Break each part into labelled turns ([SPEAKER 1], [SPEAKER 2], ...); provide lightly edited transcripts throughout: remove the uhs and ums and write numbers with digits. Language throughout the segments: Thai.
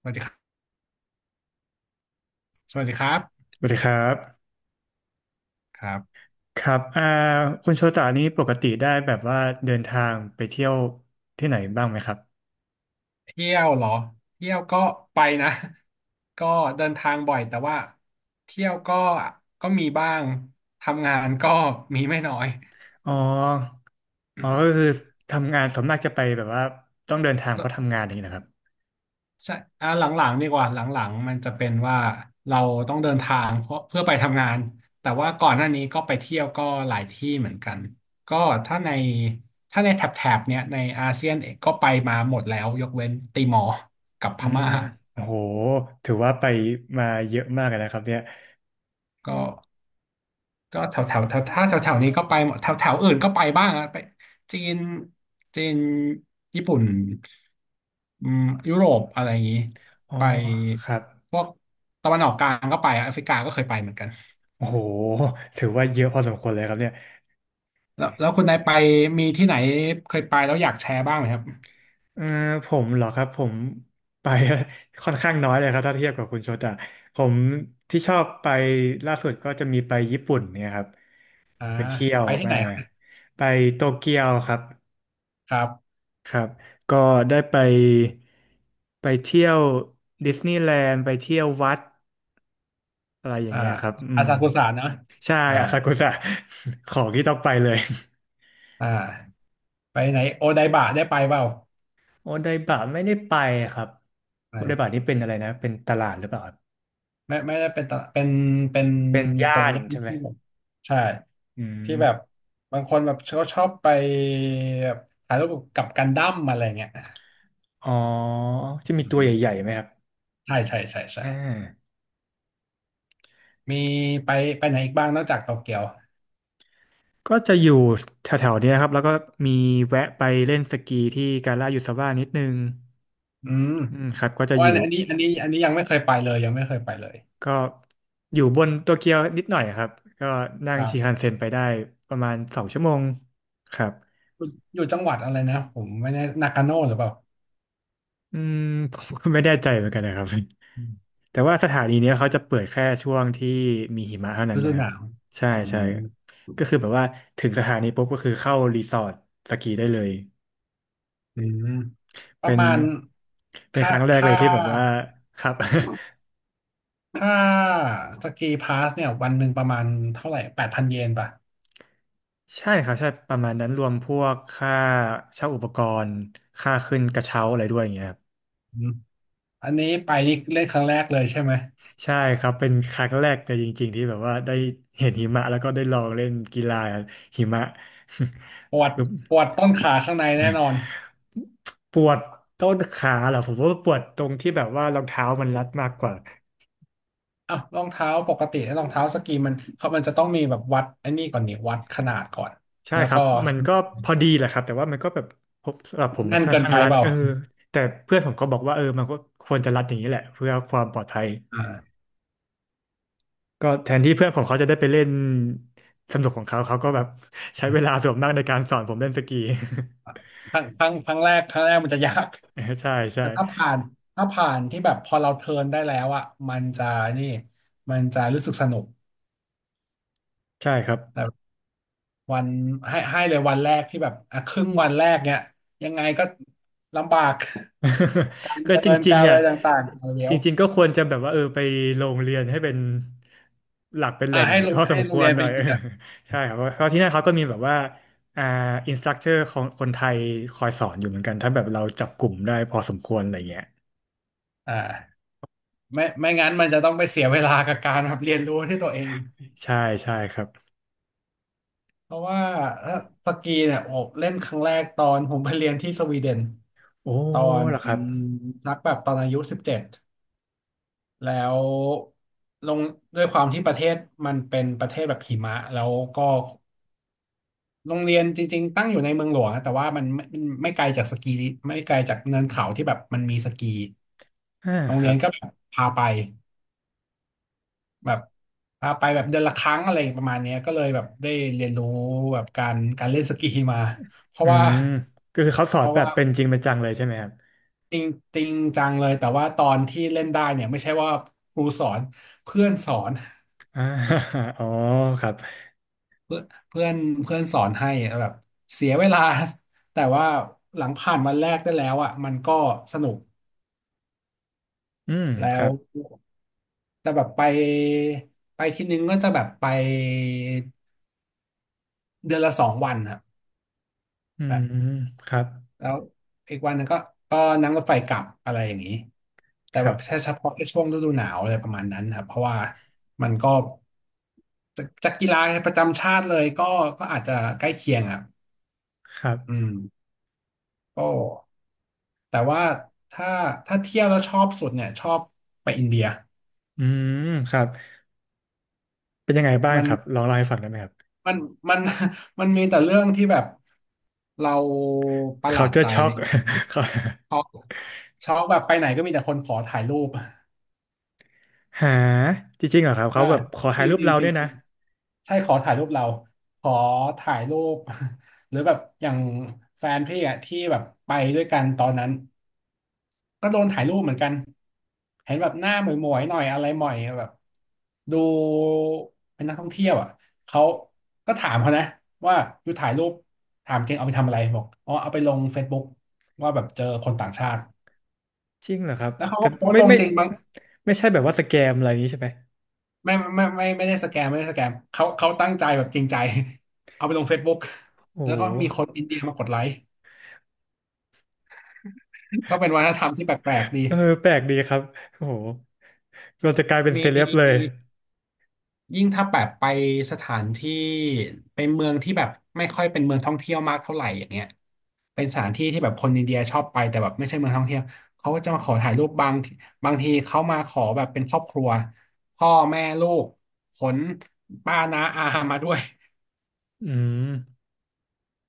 [SPEAKER 1] สวัสดีครับสวัสดีครับ
[SPEAKER 2] สวัสดีครับ
[SPEAKER 1] ครับ
[SPEAKER 2] ครับคุณโชตานี้ปกติได้แบบว่าเดินทางไปเที่ยวที่ไหนบ้างไหมครับ
[SPEAKER 1] เที่ยวเหรอเที่ยวก็ไปนะ ก็เดินทางบ่อยแต่ว่าเที่ยวก็มีบ้างทำงานก็ มีไม่น้อย
[SPEAKER 2] อ๋ออ๋อก็ คือทำงานส่วนมากจะไปแบบว่าต้องเดินทางเพ
[SPEAKER 1] ก็
[SPEAKER 2] ราะทำงานอย่างนี้นะครับ
[SPEAKER 1] ใช่หลังๆดีกว่าหลังๆมันจะเป็นว่าเราต้องเดินทางเพราะเพื่อไปทำงานแต่ว่าก่อนหน้านี้ก็ไปเที่ยวก็หลายที่เหมือนกันก็ถ้าในถ้าในแถบเนี้ยในอาเซียนเองก็ไปมาหมดแล้วยกเว้นติมอร์กับพ
[SPEAKER 2] อื
[SPEAKER 1] ม่า
[SPEAKER 2] มโอ้โหถือว่าไปมาเยอะมากเลยนะครับเนี่ย
[SPEAKER 1] ก็ ก็แถวแถวแถวถ้าแถวแถวนี้ก็ไปหมดแถวแถวอื่นก็ไปบ้างอะไปจีนจีนญี่ปุ่นอืมยุโรปอะไรอย่างนี้
[SPEAKER 2] อ๋อ
[SPEAKER 1] ไป
[SPEAKER 2] ครับ
[SPEAKER 1] พวกตะวันออกกลางก็ไปอะแอฟริกาก็เคยไปเหมือนกัน
[SPEAKER 2] โอ้โหถือว่าเยอะพอสมควรเลยครับเนี่ย
[SPEAKER 1] แล้วคุณนายไปมีที่ไหนเคยไปแล้วอยากแชร์บ้างไหมครับ
[SPEAKER 2] เออผมเหรอครับผมไป ค่อนข้างน้อยเลยครับถ้าเทียบกับคุณโชตะผมที่ชอบไปล่าสุดก็จะมีไปญี่ปุ่นเนี่ยครับ
[SPEAKER 1] อ่า
[SPEAKER 2] ไปเที่ยว
[SPEAKER 1] ไปที่ไห
[SPEAKER 2] มา
[SPEAKER 1] น
[SPEAKER 2] ไปโตเกียวครับ
[SPEAKER 1] ครับ
[SPEAKER 2] ครับก็ได้ไปไปเที่ยวดิสนีย์แลนด์ไปเที่ยววัดอะไรอย่าง
[SPEAKER 1] อ่า
[SPEAKER 2] เงี้ยครับอื
[SPEAKER 1] อา
[SPEAKER 2] ม
[SPEAKER 1] ซากุสะเนอะ
[SPEAKER 2] ใช่
[SPEAKER 1] อ่า
[SPEAKER 2] อาซากุสะ ของที่ต้องไปเลย
[SPEAKER 1] อ่าไปไหนโอไดบะได้ไปเปล่า
[SPEAKER 2] โอไดบะไม่ได้ไปครับ
[SPEAKER 1] ไป
[SPEAKER 2] โอไดบะนี่เป็นอะไรนะเป็นตลาดหรือเปล่าครับ
[SPEAKER 1] ไม่ได้เป็นตลาดเป็นเป็น
[SPEAKER 2] เป็น
[SPEAKER 1] ตร
[SPEAKER 2] ย่า
[SPEAKER 1] ง
[SPEAKER 2] น
[SPEAKER 1] ย่าน
[SPEAKER 2] ใช่ไหม
[SPEAKER 1] ที่แบบใช่
[SPEAKER 2] อื
[SPEAKER 1] ที่แบบ
[SPEAKER 2] ม
[SPEAKER 1] บางคนแบบเขาชอบไปแบบถ่ายรูปกับกันดั้มอะไรเงี้ย
[SPEAKER 2] อ๋อจะมี
[SPEAKER 1] อื
[SPEAKER 2] ตัวใหญ่
[SPEAKER 1] ม
[SPEAKER 2] ๆไหมครับ
[SPEAKER 1] ใช่ใช่ใช่ใช่
[SPEAKER 2] อ่า
[SPEAKER 1] มีไปไปไหนอีกบ้างนอกจากโตเกียว
[SPEAKER 2] ก็จะอยู่แถวๆเนี้ยครับแล้วก็มีแวะไปเล่นสกีที่กาลายูซาว่านิดนึง
[SPEAKER 1] อืม
[SPEAKER 2] อืมครับก็
[SPEAKER 1] เพ
[SPEAKER 2] จะ
[SPEAKER 1] ราะ
[SPEAKER 2] อ
[SPEAKER 1] ว่า
[SPEAKER 2] ยู่
[SPEAKER 1] อันนี้ยังไม่เคยไปเลยยังไม่เคยไปเลย
[SPEAKER 2] ก็อยู่บนโตเกียวนิดหน่อยครับก็นั่
[SPEAKER 1] ค
[SPEAKER 2] ง
[SPEAKER 1] รั
[SPEAKER 2] ชินคัน
[SPEAKER 1] บ
[SPEAKER 2] เซ็นไปได้ประมาณ2 ชั่วโมงครับ
[SPEAKER 1] อยู่อยู่จังหวัดอะไรนะผมไม่แน่นากาโน่หรือเปล่า
[SPEAKER 2] อืมผมก็ไม่แน่ใจเหมือนกันนะครับ
[SPEAKER 1] อืม
[SPEAKER 2] แต่ว่าสถานีเนี้ยเขาจะเปิดแค่ช่วงที่มีหิมะเท่านั้
[SPEAKER 1] ฤ
[SPEAKER 2] น
[SPEAKER 1] ดู
[SPEAKER 2] นะค
[SPEAKER 1] ห
[SPEAKER 2] รับ
[SPEAKER 1] นาว
[SPEAKER 2] ใช่
[SPEAKER 1] อื
[SPEAKER 2] ใช่
[SPEAKER 1] ม
[SPEAKER 2] ก็คือแบบว่าถึงสถานีปุ๊บก็คือเข้ารีสอร์ทสกีได้เลย
[SPEAKER 1] อืมป
[SPEAKER 2] เป็
[SPEAKER 1] ระ
[SPEAKER 2] น
[SPEAKER 1] มาณ
[SPEAKER 2] ค
[SPEAKER 1] ค่า
[SPEAKER 2] รั้งแรกเล
[SPEAKER 1] ค่า
[SPEAKER 2] ยที่แบบว่าครับ
[SPEAKER 1] ค่าสกีพาสเนี่ยวันหนึ่งประมาณเท่าไหร่8,000 เยนป่ะ
[SPEAKER 2] ใช่ครับใช่ประมาณนั้นรวมพวกค่าเช่าอุปกรณ์ค่าขึ้นกระเช้าอะไรด้วยอย่างเงี้ย
[SPEAKER 1] อืมอันนี้ไปนี่เล่นครั้งแรกเลยใช่ไหม
[SPEAKER 2] ใช่ครับเป็นครั้งแรกเลยจริงๆที่แบบว่าได้เห็นหิมะแล้วก็ได้ลองเล่นกีฬาหิมะ
[SPEAKER 1] ปวด
[SPEAKER 2] คือ
[SPEAKER 1] ปวดต้นขาข้างในแน่นอน
[SPEAKER 2] ปวดต้นขาเหรอผมว่าปวดตรงที่แบบว่ารองเท้ามันรัดมากกว่า
[SPEAKER 1] อ่ะรองเท้าปกติรองเท้าสกีมันเขามันจะต้องมีแบบวัดไอ้นี่ก่อนนี่วัดขนาดก่อน
[SPEAKER 2] ใช่
[SPEAKER 1] แล้ว
[SPEAKER 2] ครั
[SPEAKER 1] ก็
[SPEAKER 2] บมันก็พอดีแหละครับแต่ว่ามันก็แบบผมสำหรับผมมัน
[SPEAKER 1] แน่น
[SPEAKER 2] ค่อน
[SPEAKER 1] เกิน
[SPEAKER 2] ข้าง
[SPEAKER 1] ไป
[SPEAKER 2] รัด
[SPEAKER 1] เปล่า
[SPEAKER 2] แต่เพื่อนผมก็บอกว่าเออมันก็ควรจะรัดอย่างนี้แหละเพื่อความปลอดภัย
[SPEAKER 1] อ่า
[SPEAKER 2] ก็แทนที่เพื่อนผมเขาจะได้ไปเล่นสนุกของเขาเขาก็แบบใช้เวลาส่วนมากในการสอนผมเล่นสกี
[SPEAKER 1] ครั้งครั้งครั้งแรกครั้งแรกมันจะยาก
[SPEAKER 2] ใช่ใช่
[SPEAKER 1] แต่ถ้าผ่านที่แบบพอเราเทิร์นได้แล้วอ่ะมันจะนี่มันจะรู้สึกสนุก
[SPEAKER 2] ใช่ครับ
[SPEAKER 1] วันให้เลยวันแรกที่แบบอ่ะครึ่งวันแรกเนี่ยยังไงก็ลำบาก การ
[SPEAKER 2] ก็
[SPEAKER 1] เดิ
[SPEAKER 2] จ
[SPEAKER 1] น
[SPEAKER 2] ริง
[SPEAKER 1] การ
[SPEAKER 2] ๆ
[SPEAKER 1] อะ
[SPEAKER 2] อ่ะ
[SPEAKER 1] ไรต่างๆเอาเดี๋
[SPEAKER 2] จ
[SPEAKER 1] ยว
[SPEAKER 2] ริงๆก็ควรจะแบบว่าเออไปโรงเรียนให้เป็นหลักเป็นแห
[SPEAKER 1] อ่ะ
[SPEAKER 2] ล่ง
[SPEAKER 1] ให้โร
[SPEAKER 2] พ
[SPEAKER 1] ง
[SPEAKER 2] อส
[SPEAKER 1] ให้
[SPEAKER 2] ม
[SPEAKER 1] โร
[SPEAKER 2] ค
[SPEAKER 1] ง
[SPEAKER 2] ว
[SPEAKER 1] เรี
[SPEAKER 2] ร
[SPEAKER 1] ยน
[SPEAKER 2] ห
[SPEAKER 1] ไป
[SPEAKER 2] น่อย เอ
[SPEAKER 1] กิ
[SPEAKER 2] อ
[SPEAKER 1] นอ่ะ
[SPEAKER 2] ใช่ครับเพราะเพราะที่นั่นเขาก็มีแบบว่าอ่าอินสตรัคเตอร์ของคนไทยคอยสอนอยู่เหมือนกันถ้าแบบเราจับกลุ่มได้พอสมควรอะไรเงี้ย
[SPEAKER 1] อ่าไม่งั้นมันจะต้องไปเสียเวลากับการแบบเรียนรู้ที่ตัวเอง
[SPEAKER 2] ใช่ใช่ครับ
[SPEAKER 1] เพราะว่าเอ่อสกีเนี่ยโอบเล่นครั้งแรกตอนผมไปเรียนที่สวีเดน
[SPEAKER 2] โอ้
[SPEAKER 1] ตอน
[SPEAKER 2] เหรอค
[SPEAKER 1] อื
[SPEAKER 2] รับ
[SPEAKER 1] มนักแบบตอนอายุ17แล้วลงด้วยความที่ประเทศมันเป็นประเทศแบบหิมะแล้วก็ โรงเรียนจริงๆตั้งอยู่ในเมืองหลวงนะแต่ว่ามันไม่ไกลจากสกีไม่ไกลจากเนินเขาที่แบบมันมีสกี
[SPEAKER 2] อ่า
[SPEAKER 1] โรง
[SPEAKER 2] ค
[SPEAKER 1] เรี
[SPEAKER 2] รั
[SPEAKER 1] ยน
[SPEAKER 2] บ
[SPEAKER 1] ก็แบบพาไปแบบพาไปแบบเดือนละครั้งอะไรประมาณเนี้ยก็เลยแบบได้เรียนรู้แบบการเล่นสกีมาเพ
[SPEAKER 2] อื
[SPEAKER 1] ราะว่า
[SPEAKER 2] มก็คือเขาสอ
[SPEAKER 1] เพ
[SPEAKER 2] น
[SPEAKER 1] ราะ
[SPEAKER 2] แบ
[SPEAKER 1] ว่า
[SPEAKER 2] บเป็นจริงเป็นจังเลยใช่ไหมครับ
[SPEAKER 1] จริงจริงจังเลยแต่ว่าตอนที่เล่นได้เนี่ยไม่ใช่ว่าครูสอนเพื่อนสอน
[SPEAKER 2] อ่า อ๋อครับ
[SPEAKER 1] เพื่อนเพื่อนเพื่อนสอนให้แบบเสียเวลา แต่ว่าหลังผ่านวันแรกได้แล้วอ่ะมันก็สนุก
[SPEAKER 2] อืมค
[SPEAKER 1] แล้ว
[SPEAKER 2] รับ
[SPEAKER 1] แต่แบบไปทีนึงก็จะแบบไปเดือนละ2 วันครับ
[SPEAKER 2] อื
[SPEAKER 1] แบบ
[SPEAKER 2] มครับ
[SPEAKER 1] แล้วอีกวันหนึงก็นั่งรถไฟกลับอะไรอย่างนี้แต่
[SPEAKER 2] ค
[SPEAKER 1] แบ
[SPEAKER 2] รั
[SPEAKER 1] บแค่
[SPEAKER 2] บ
[SPEAKER 1] เฉพาะแค่ช่วงฤดูหนาวอะไรประมาณนั้นครับเพราะว่ามันก็จากกีฬาประจำชาติเลยก็ก็อาจจะใกล้เคียงอ่ะ
[SPEAKER 2] ครับ
[SPEAKER 1] อืมก็แต่ว่าถ้าถ้าเที่ยวแล้วชอบสุดเนี่ยชอบไปอินเดีย
[SPEAKER 2] อืมครับ เป็นยังไงบ้าง
[SPEAKER 1] มัน
[SPEAKER 2] ครับลองเล่าให้ฟังได้ไหมครับ
[SPEAKER 1] มันมัน มันมีแต่เรื่องที่แบบเราประหลาดใจ
[SPEAKER 2] culture
[SPEAKER 1] นะ
[SPEAKER 2] shock
[SPEAKER 1] อีกนะ
[SPEAKER 2] เขา
[SPEAKER 1] ช็อกช็อกแบบไปไหนก็มีแต่คนขอถ่ายรูป
[SPEAKER 2] หาจริงๆเหรอครับเขา
[SPEAKER 1] อ่า
[SPEAKER 2] แบบขอ
[SPEAKER 1] จ
[SPEAKER 2] ถ่าย
[SPEAKER 1] ริง
[SPEAKER 2] รูป
[SPEAKER 1] จริง
[SPEAKER 2] เรา
[SPEAKER 1] จริ
[SPEAKER 2] ด้ว
[SPEAKER 1] ง
[SPEAKER 2] ยนะ
[SPEAKER 1] ใช่ขอถ่ายรูปเราขอถ่ายรูป หรือแบบอย่างแฟนพี่อะที่แบบไปด้วยกันตอนนั้น ก็โดนถ่ายรูปเหมือนกัน เห็นแบบหน้าหมวยๆหน่อยอะไรหม่อยแบบดูเป็นนักท่องเที่ยวอ่ะเขาก็ถามเขานะว่าอยู่ถ่ายรูปถามเก่งเอาไปทำอะไรบอกอ๋อเอาไปลง Facebook ว่าแบบเจอคนต่างชาติ
[SPEAKER 2] จริงเหรอครับ
[SPEAKER 1] แล้วเขา
[SPEAKER 2] แต่
[SPEAKER 1] ก็โพสต์
[SPEAKER 2] ไม่
[SPEAKER 1] ลง
[SPEAKER 2] ไม่
[SPEAKER 1] จริงบาง
[SPEAKER 2] ไม่ใช่แบบว่าสแกมอะไรอย่างนี้ใช่ไหม
[SPEAKER 1] ไม่ได้สแกมไม่ได้สแกมเขาเขาตั้งใจแบบจริงใจเอาไปลง Facebook
[SPEAKER 2] โอ้
[SPEAKER 1] แล้ว
[SPEAKER 2] โ
[SPEAKER 1] ก็มีค
[SPEAKER 2] ห
[SPEAKER 1] นอินเดียมากดไลค์ก็เป็นวัฒนธรรมที่แปลกๆดี
[SPEAKER 2] เออแปลกดีครับโอ้โหเราจะกลายเป็น
[SPEAKER 1] ม
[SPEAKER 2] เซเลบเลย
[SPEAKER 1] ี ยิ่งถ้าแบบไปสถานที่ไปเมืองที่แบบไม่ค่อยเป็นเมืองท่องเที่ยวมากเท่าไหร่อย่างเงี้ยเป็นสถานที่ที่แบบคนอินเดียชอบไปแต่แบบไม่ใช่เมืองท่องเที่ยวเขาก็จะมาขอถ่ายรูปบางทีเขามาขอแบบเป็นครอบครัวพ่อแม่ลูกขนป้าน้าอามาด้วย
[SPEAKER 2] อืม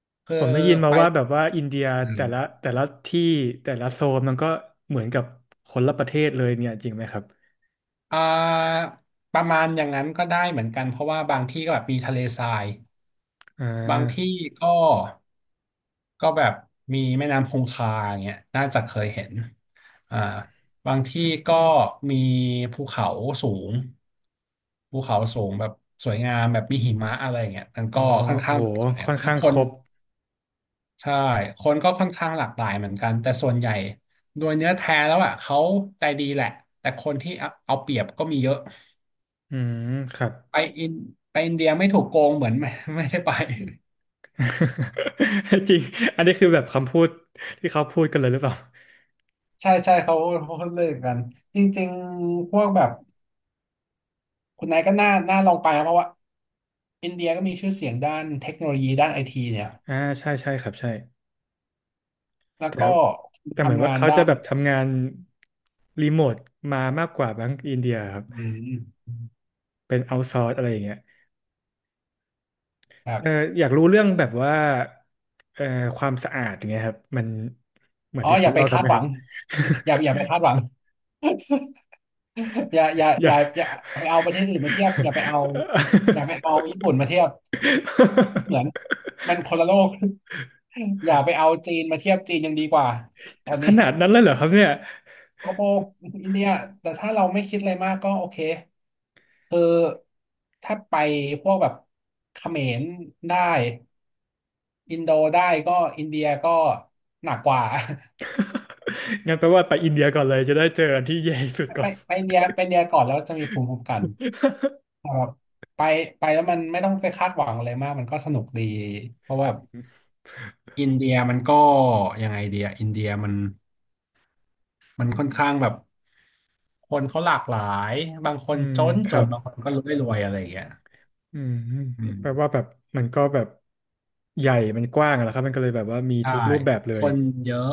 [SPEAKER 1] คื
[SPEAKER 2] ผ
[SPEAKER 1] อ
[SPEAKER 2] มได้ยินมา
[SPEAKER 1] ไป
[SPEAKER 2] ว่าแบบว่าอินเดีย
[SPEAKER 1] อืม
[SPEAKER 2] แต่ละที่แต่ละโซนมันก็เหมือนกับคนละประเทศเลยเนี่ยจริงไหมครับ
[SPEAKER 1] อ่าประมาณอย่างนั้นก็ได้เหมือนกันเพราะว่าบางที่ก็แบบมีทะเลทราย
[SPEAKER 2] อ่
[SPEAKER 1] บางที่
[SPEAKER 2] า
[SPEAKER 1] ก็ก็แบบมีแม่น้ำคงคาอย่างเงี้ยน่าจะเคยเห็นอ่าบางที่ก็มีภูเขาสูงแบบสวยงามแบบมีหิมะอะไรอย่างเงี้ยมัน
[SPEAKER 2] อ๋อ
[SPEAKER 1] ก็ค่อน
[SPEAKER 2] โอ้
[SPEAKER 1] ข้างหลา
[SPEAKER 2] โห
[SPEAKER 1] กหลาย
[SPEAKER 2] ค่อน
[SPEAKER 1] แล้ว
[SPEAKER 2] ข้าง
[SPEAKER 1] ค
[SPEAKER 2] ค
[SPEAKER 1] น
[SPEAKER 2] รบ
[SPEAKER 1] ใช่คนก็ค่อนข้างหลากหลายเหมือนกันแต่ส่วนใหญ่โดยเนื้อแท้แล้วอ่ะเขาใจดีแหละแต่คนที่เอาเปรียบก็มีเยอะ
[SPEAKER 2] อืมครับ
[SPEAKER 1] ไปอินไปอินเดียไม่ถูกโกงเหมือน ไม่ไม่ได้ไป
[SPEAKER 2] จริง อันนี้คือแบบคำพูดที่เขาพูดกันเลยหรือเปล่า
[SPEAKER 1] ใช่ใช่เขาเขาเลิกกันจริงๆพวกแบบคุณนายก็น่าลองไปนะเพราะว่าอินเดียก็มีชื่อเสียงด้านเทคโนโลยีด้านไอทีเนี่ย
[SPEAKER 2] อ่าใช่ใช่ครับใช่
[SPEAKER 1] แล้ว
[SPEAKER 2] แต่ค
[SPEAKER 1] ก็
[SPEAKER 2] รับแต่เหมือน
[SPEAKER 1] ทำ
[SPEAKER 2] ว่า
[SPEAKER 1] งาน
[SPEAKER 2] เขา
[SPEAKER 1] ด้า
[SPEAKER 2] จะ
[SPEAKER 1] น
[SPEAKER 2] แบบทำงานรีโมทมามากกว่าแบงก์อินเดียครับ
[SPEAKER 1] อืม
[SPEAKER 2] เป็นเอา s o ซอร์สอะไรอย่างเงี้ย
[SPEAKER 1] ครั
[SPEAKER 2] เอ
[SPEAKER 1] บ
[SPEAKER 2] ออยากรู้เรื่องแบบว่าเอ่อความสะอาดอย่างเงี้ยครับมันเหมือน
[SPEAKER 1] อ๋อ
[SPEAKER 2] ที่
[SPEAKER 1] อ
[SPEAKER 2] เขา
[SPEAKER 1] ย่าไป
[SPEAKER 2] เล่ากัน
[SPEAKER 1] คา
[SPEAKER 2] ไห
[SPEAKER 1] ด
[SPEAKER 2] ม
[SPEAKER 1] ห
[SPEAKER 2] ค
[SPEAKER 1] วั
[SPEAKER 2] รับ
[SPEAKER 1] ง อย่าไปคาดหวัง
[SPEAKER 2] อยาก
[SPEAKER 1] อย่าไปเอาประเทศอื่นมาเทียบอย่าไปเอาญี่ปุ่นมาเทียบเหมือนมันคนละโลก อย่าไปเอาจีนมาเทียบจีนยังดีกว่าตอน
[SPEAKER 2] ข
[SPEAKER 1] นี้
[SPEAKER 2] นาดนั้นเลยเหรอครับเนี่ย
[SPEAKER 1] โกระโปกอินเดียแต่ถ้าเราไม่คิดอะไรมากก็โอเคคือถ้าไปพวกแบบเขมรได้อินโดได้ก็อินเดียก็หนักกว่า
[SPEAKER 2] งั้นแปลว่าไปอินเดียก่อนเลยจะได้เจออันที่แย่ที่สุด ก่
[SPEAKER 1] ไป
[SPEAKER 2] อน
[SPEAKER 1] ไปอินเดียก่อนแล้วจะมีภูมิคุ้มกันครับไปไปแล้วมันไม่ต้องไปคาดหวังอะไรมากมันก็สนุกดีเพราะว่าอินเดียมันก็ยังไงเดียอินเดียมันค่อนข้างแบบคนเขาหลากหลายบางค
[SPEAKER 2] อื
[SPEAKER 1] น
[SPEAKER 2] ม
[SPEAKER 1] จน
[SPEAKER 2] ค
[SPEAKER 1] จ
[SPEAKER 2] รั
[SPEAKER 1] น
[SPEAKER 2] บ
[SPEAKER 1] บางคนก็รวยรวยอะไรอย่างเงี้ย
[SPEAKER 2] อืม
[SPEAKER 1] อืม
[SPEAKER 2] แปลว่าแบบมันก็แบบใหญ่มันกว้างอะนะครับมันก็เลยแบบว่ามี
[SPEAKER 1] ใช่
[SPEAKER 2] ทุกรูปแบบเล
[SPEAKER 1] ค
[SPEAKER 2] ย
[SPEAKER 1] นเยอะ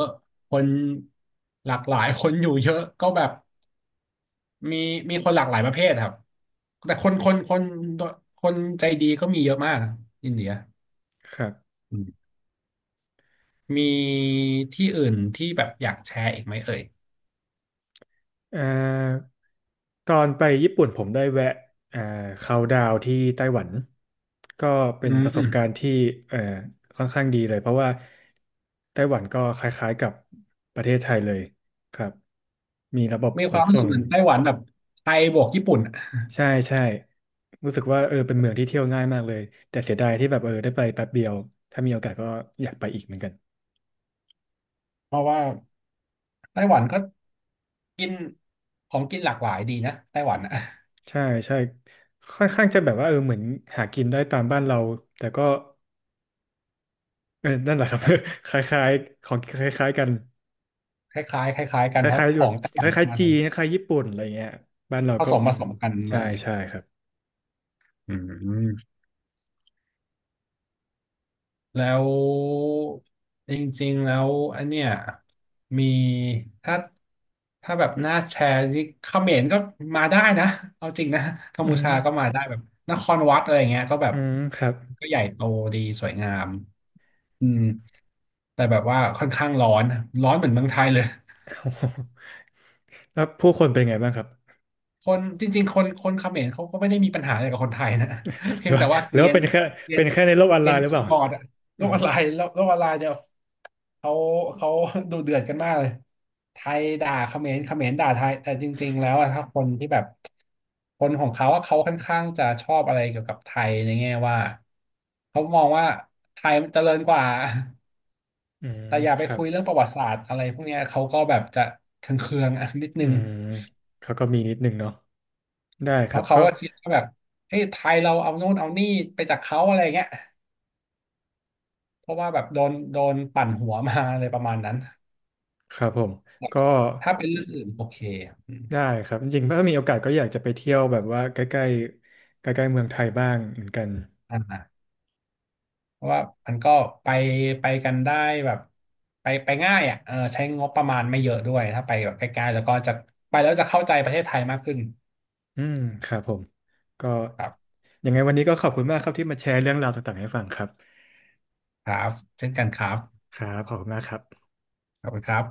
[SPEAKER 1] คนหลากหลาย คนอยู่เยอะก็แบบมีมีคนหลากหลายประเภทครับแต่คนใจดีก็มีเยอะมากอินเดีย
[SPEAKER 2] ครับ
[SPEAKER 1] อืมมีที่อื่นที่แบบอยากแชร์อีกไหมเอ่ย
[SPEAKER 2] เอ่อตอนไปญี่ปุ่นผมได้แวะเอ่อเขาน์ดาวน์ที่ไต้หวัน ก็เป็
[SPEAKER 1] อื
[SPEAKER 2] นประสบการณ์
[SPEAKER 1] ม
[SPEAKER 2] ที่เอ่อค่อนข้างดีเลยเพราะว่าไต้หวันก็คล้ายๆกับประเทศไทยเลยครับมีระบบ
[SPEAKER 1] มี
[SPEAKER 2] ข
[SPEAKER 1] ค
[SPEAKER 2] น
[SPEAKER 1] วามรู้
[SPEAKER 2] ส่
[SPEAKER 1] สึก
[SPEAKER 2] ง
[SPEAKER 1] เหมือนไต้หวันแบบไทยบวกญี่ปุ่นอะ
[SPEAKER 2] ใช่ใช่รู้สึกว่าเออเป็นเมืองที่เที่ยวง่ายมากเลยแต่เสียดายที่แบบเออได้ไปแป๊บเดียวถ้ามีโอกาสก็อยากไปอีกเหมือนกัน
[SPEAKER 1] เพราะว่าไต้หวันก็กินของกินหลากหลายดีนะไต้หวันอะ
[SPEAKER 2] ใช่ใช่ค่อนข้างจะแบบว่าเออเหมือนหากินได้ตามบ้านเราแต่ก็เออนั่นแหละครับ
[SPEAKER 1] แบบ
[SPEAKER 2] คล้ายๆของคล้ายๆกัน
[SPEAKER 1] คล้ายๆคล้ายๆกั
[SPEAKER 2] ค
[SPEAKER 1] นเพราะ
[SPEAKER 2] ล้าย
[SPEAKER 1] ข
[SPEAKER 2] ๆแบ
[SPEAKER 1] อ
[SPEAKER 2] บ
[SPEAKER 1] งไต้ห
[SPEAKER 2] ค
[SPEAKER 1] วัน
[SPEAKER 2] ล้าย
[SPEAKER 1] มา
[SPEAKER 2] ๆจี
[SPEAKER 1] ไทย
[SPEAKER 2] นคล้ายๆญี่ปุ่นอะไรเงี้ยบ้านเราก็อื
[SPEAKER 1] ผ
[SPEAKER 2] ม
[SPEAKER 1] สมกันอะไร
[SPEAKER 2] ใช่
[SPEAKER 1] อย่างเงี้ย
[SPEAKER 2] ใช่ครับ
[SPEAKER 1] อืม แล้วจริงๆแล้วอันเนี้ยมีถ้าถ้าแบบน่าแชร์ที่เขมรก็มาได้นะเอาจริงนะกัม
[SPEAKER 2] อื
[SPEAKER 1] พู
[SPEAKER 2] ม
[SPEAKER 1] ชาก็มาได้แบบนครวัดอะไรเงี้ยก็แบบ
[SPEAKER 2] อืมครับ
[SPEAKER 1] ก็ใหญ่โตดีสวยงามอืมแต่แบบว่าค่อนข้างร้อนร้อนเหมือนเมืองไทยเลย
[SPEAKER 2] โอ้โหแล้วผู้คนเป็นไงบ้างครับ
[SPEAKER 1] คนจริงๆคนเขมรเขาก็ไม่ได้มีปัญหาอะไรกับคนไทยนะ
[SPEAKER 2] ห
[SPEAKER 1] เพี
[SPEAKER 2] รื
[SPEAKER 1] ย
[SPEAKER 2] อ
[SPEAKER 1] งแต่
[SPEAKER 2] ว่า
[SPEAKER 1] ว่าเก
[SPEAKER 2] หรือ
[SPEAKER 1] รีย
[SPEAKER 2] ว่า
[SPEAKER 1] น
[SPEAKER 2] เป็นแค่
[SPEAKER 1] เกรีย
[SPEAKER 2] เป็
[SPEAKER 1] น
[SPEAKER 2] นแค่ในโลกออ
[SPEAKER 1] เก
[SPEAKER 2] นไล
[SPEAKER 1] รียน
[SPEAKER 2] น์หรือเป
[SPEAKER 1] คี
[SPEAKER 2] ล่า
[SPEAKER 1] ย์บอร์ดอะโล
[SPEAKER 2] อ่า
[SPEAKER 1] กออนไลน์โลกออนไลน์เนี่ยเขาเขา ดูเดือดกันมากเลยไทยด่าเขมรเขมรด่าไทยแต่จริงๆแล้วอะถ้าคนที่แบบคนของเขาอะเขาค่อนข้างจะชอบอะไรเกี่ยวกับไทยในแง่ว่าเขามองว่าไทยมันเจริญกว่า
[SPEAKER 2] อืม
[SPEAKER 1] แต่อย่า
[SPEAKER 2] ค
[SPEAKER 1] ไป
[SPEAKER 2] รั
[SPEAKER 1] คุ
[SPEAKER 2] บ
[SPEAKER 1] ยเรื่องประวัติศาสตร์อะไรพวกเนี้ยเขาก็แบบจะเคืองๆอะนิด
[SPEAKER 2] อื
[SPEAKER 1] นึง
[SPEAKER 2] มเขาก็มีนิดหนึ่งเนาะได้ค
[SPEAKER 1] แล้
[SPEAKER 2] รั
[SPEAKER 1] ว
[SPEAKER 2] บ
[SPEAKER 1] เขา
[SPEAKER 2] ก็
[SPEAKER 1] ก็คิดว่าแบบเอ้ยไทยเราเอาโน่นเอานี่ไปจากเขาอะไรเงี้ยเพราะว่าแบบโดนปั่นหัวมาอะไรประมาณนั้น
[SPEAKER 2] ครับผมก็
[SPEAKER 1] ถ้าเป็นเรื่องอื่นโอเคอืม
[SPEAKER 2] ได้ครับจริงๆถ้ามีโอกาสก็อยากจะไปเที่ยวแบบว่าใกล้ๆใกล้ๆเมืองไทยบ้างเหมือนกัน
[SPEAKER 1] อ่าเพราะว่ามันก็ไปไปกันได้แบบไปง่ายอ่ะเออใช้งบประมาณไม่เยอะด้วยถ้าไปแบบใกล้ๆแล้วก็จะไปแล้วจะเข้าใจประเทศไทยมากขึ้น
[SPEAKER 2] อืมครับผมก็
[SPEAKER 1] ครับ
[SPEAKER 2] ยังไงวันนี้ก็ขอบคุณมากครับที่มาแชร์เรื่องราวต่างๆให้ฟังครับ
[SPEAKER 1] ครับเช่นกันครับ
[SPEAKER 2] ครับขอบคุณมากครับ
[SPEAKER 1] ขอบคุณครับ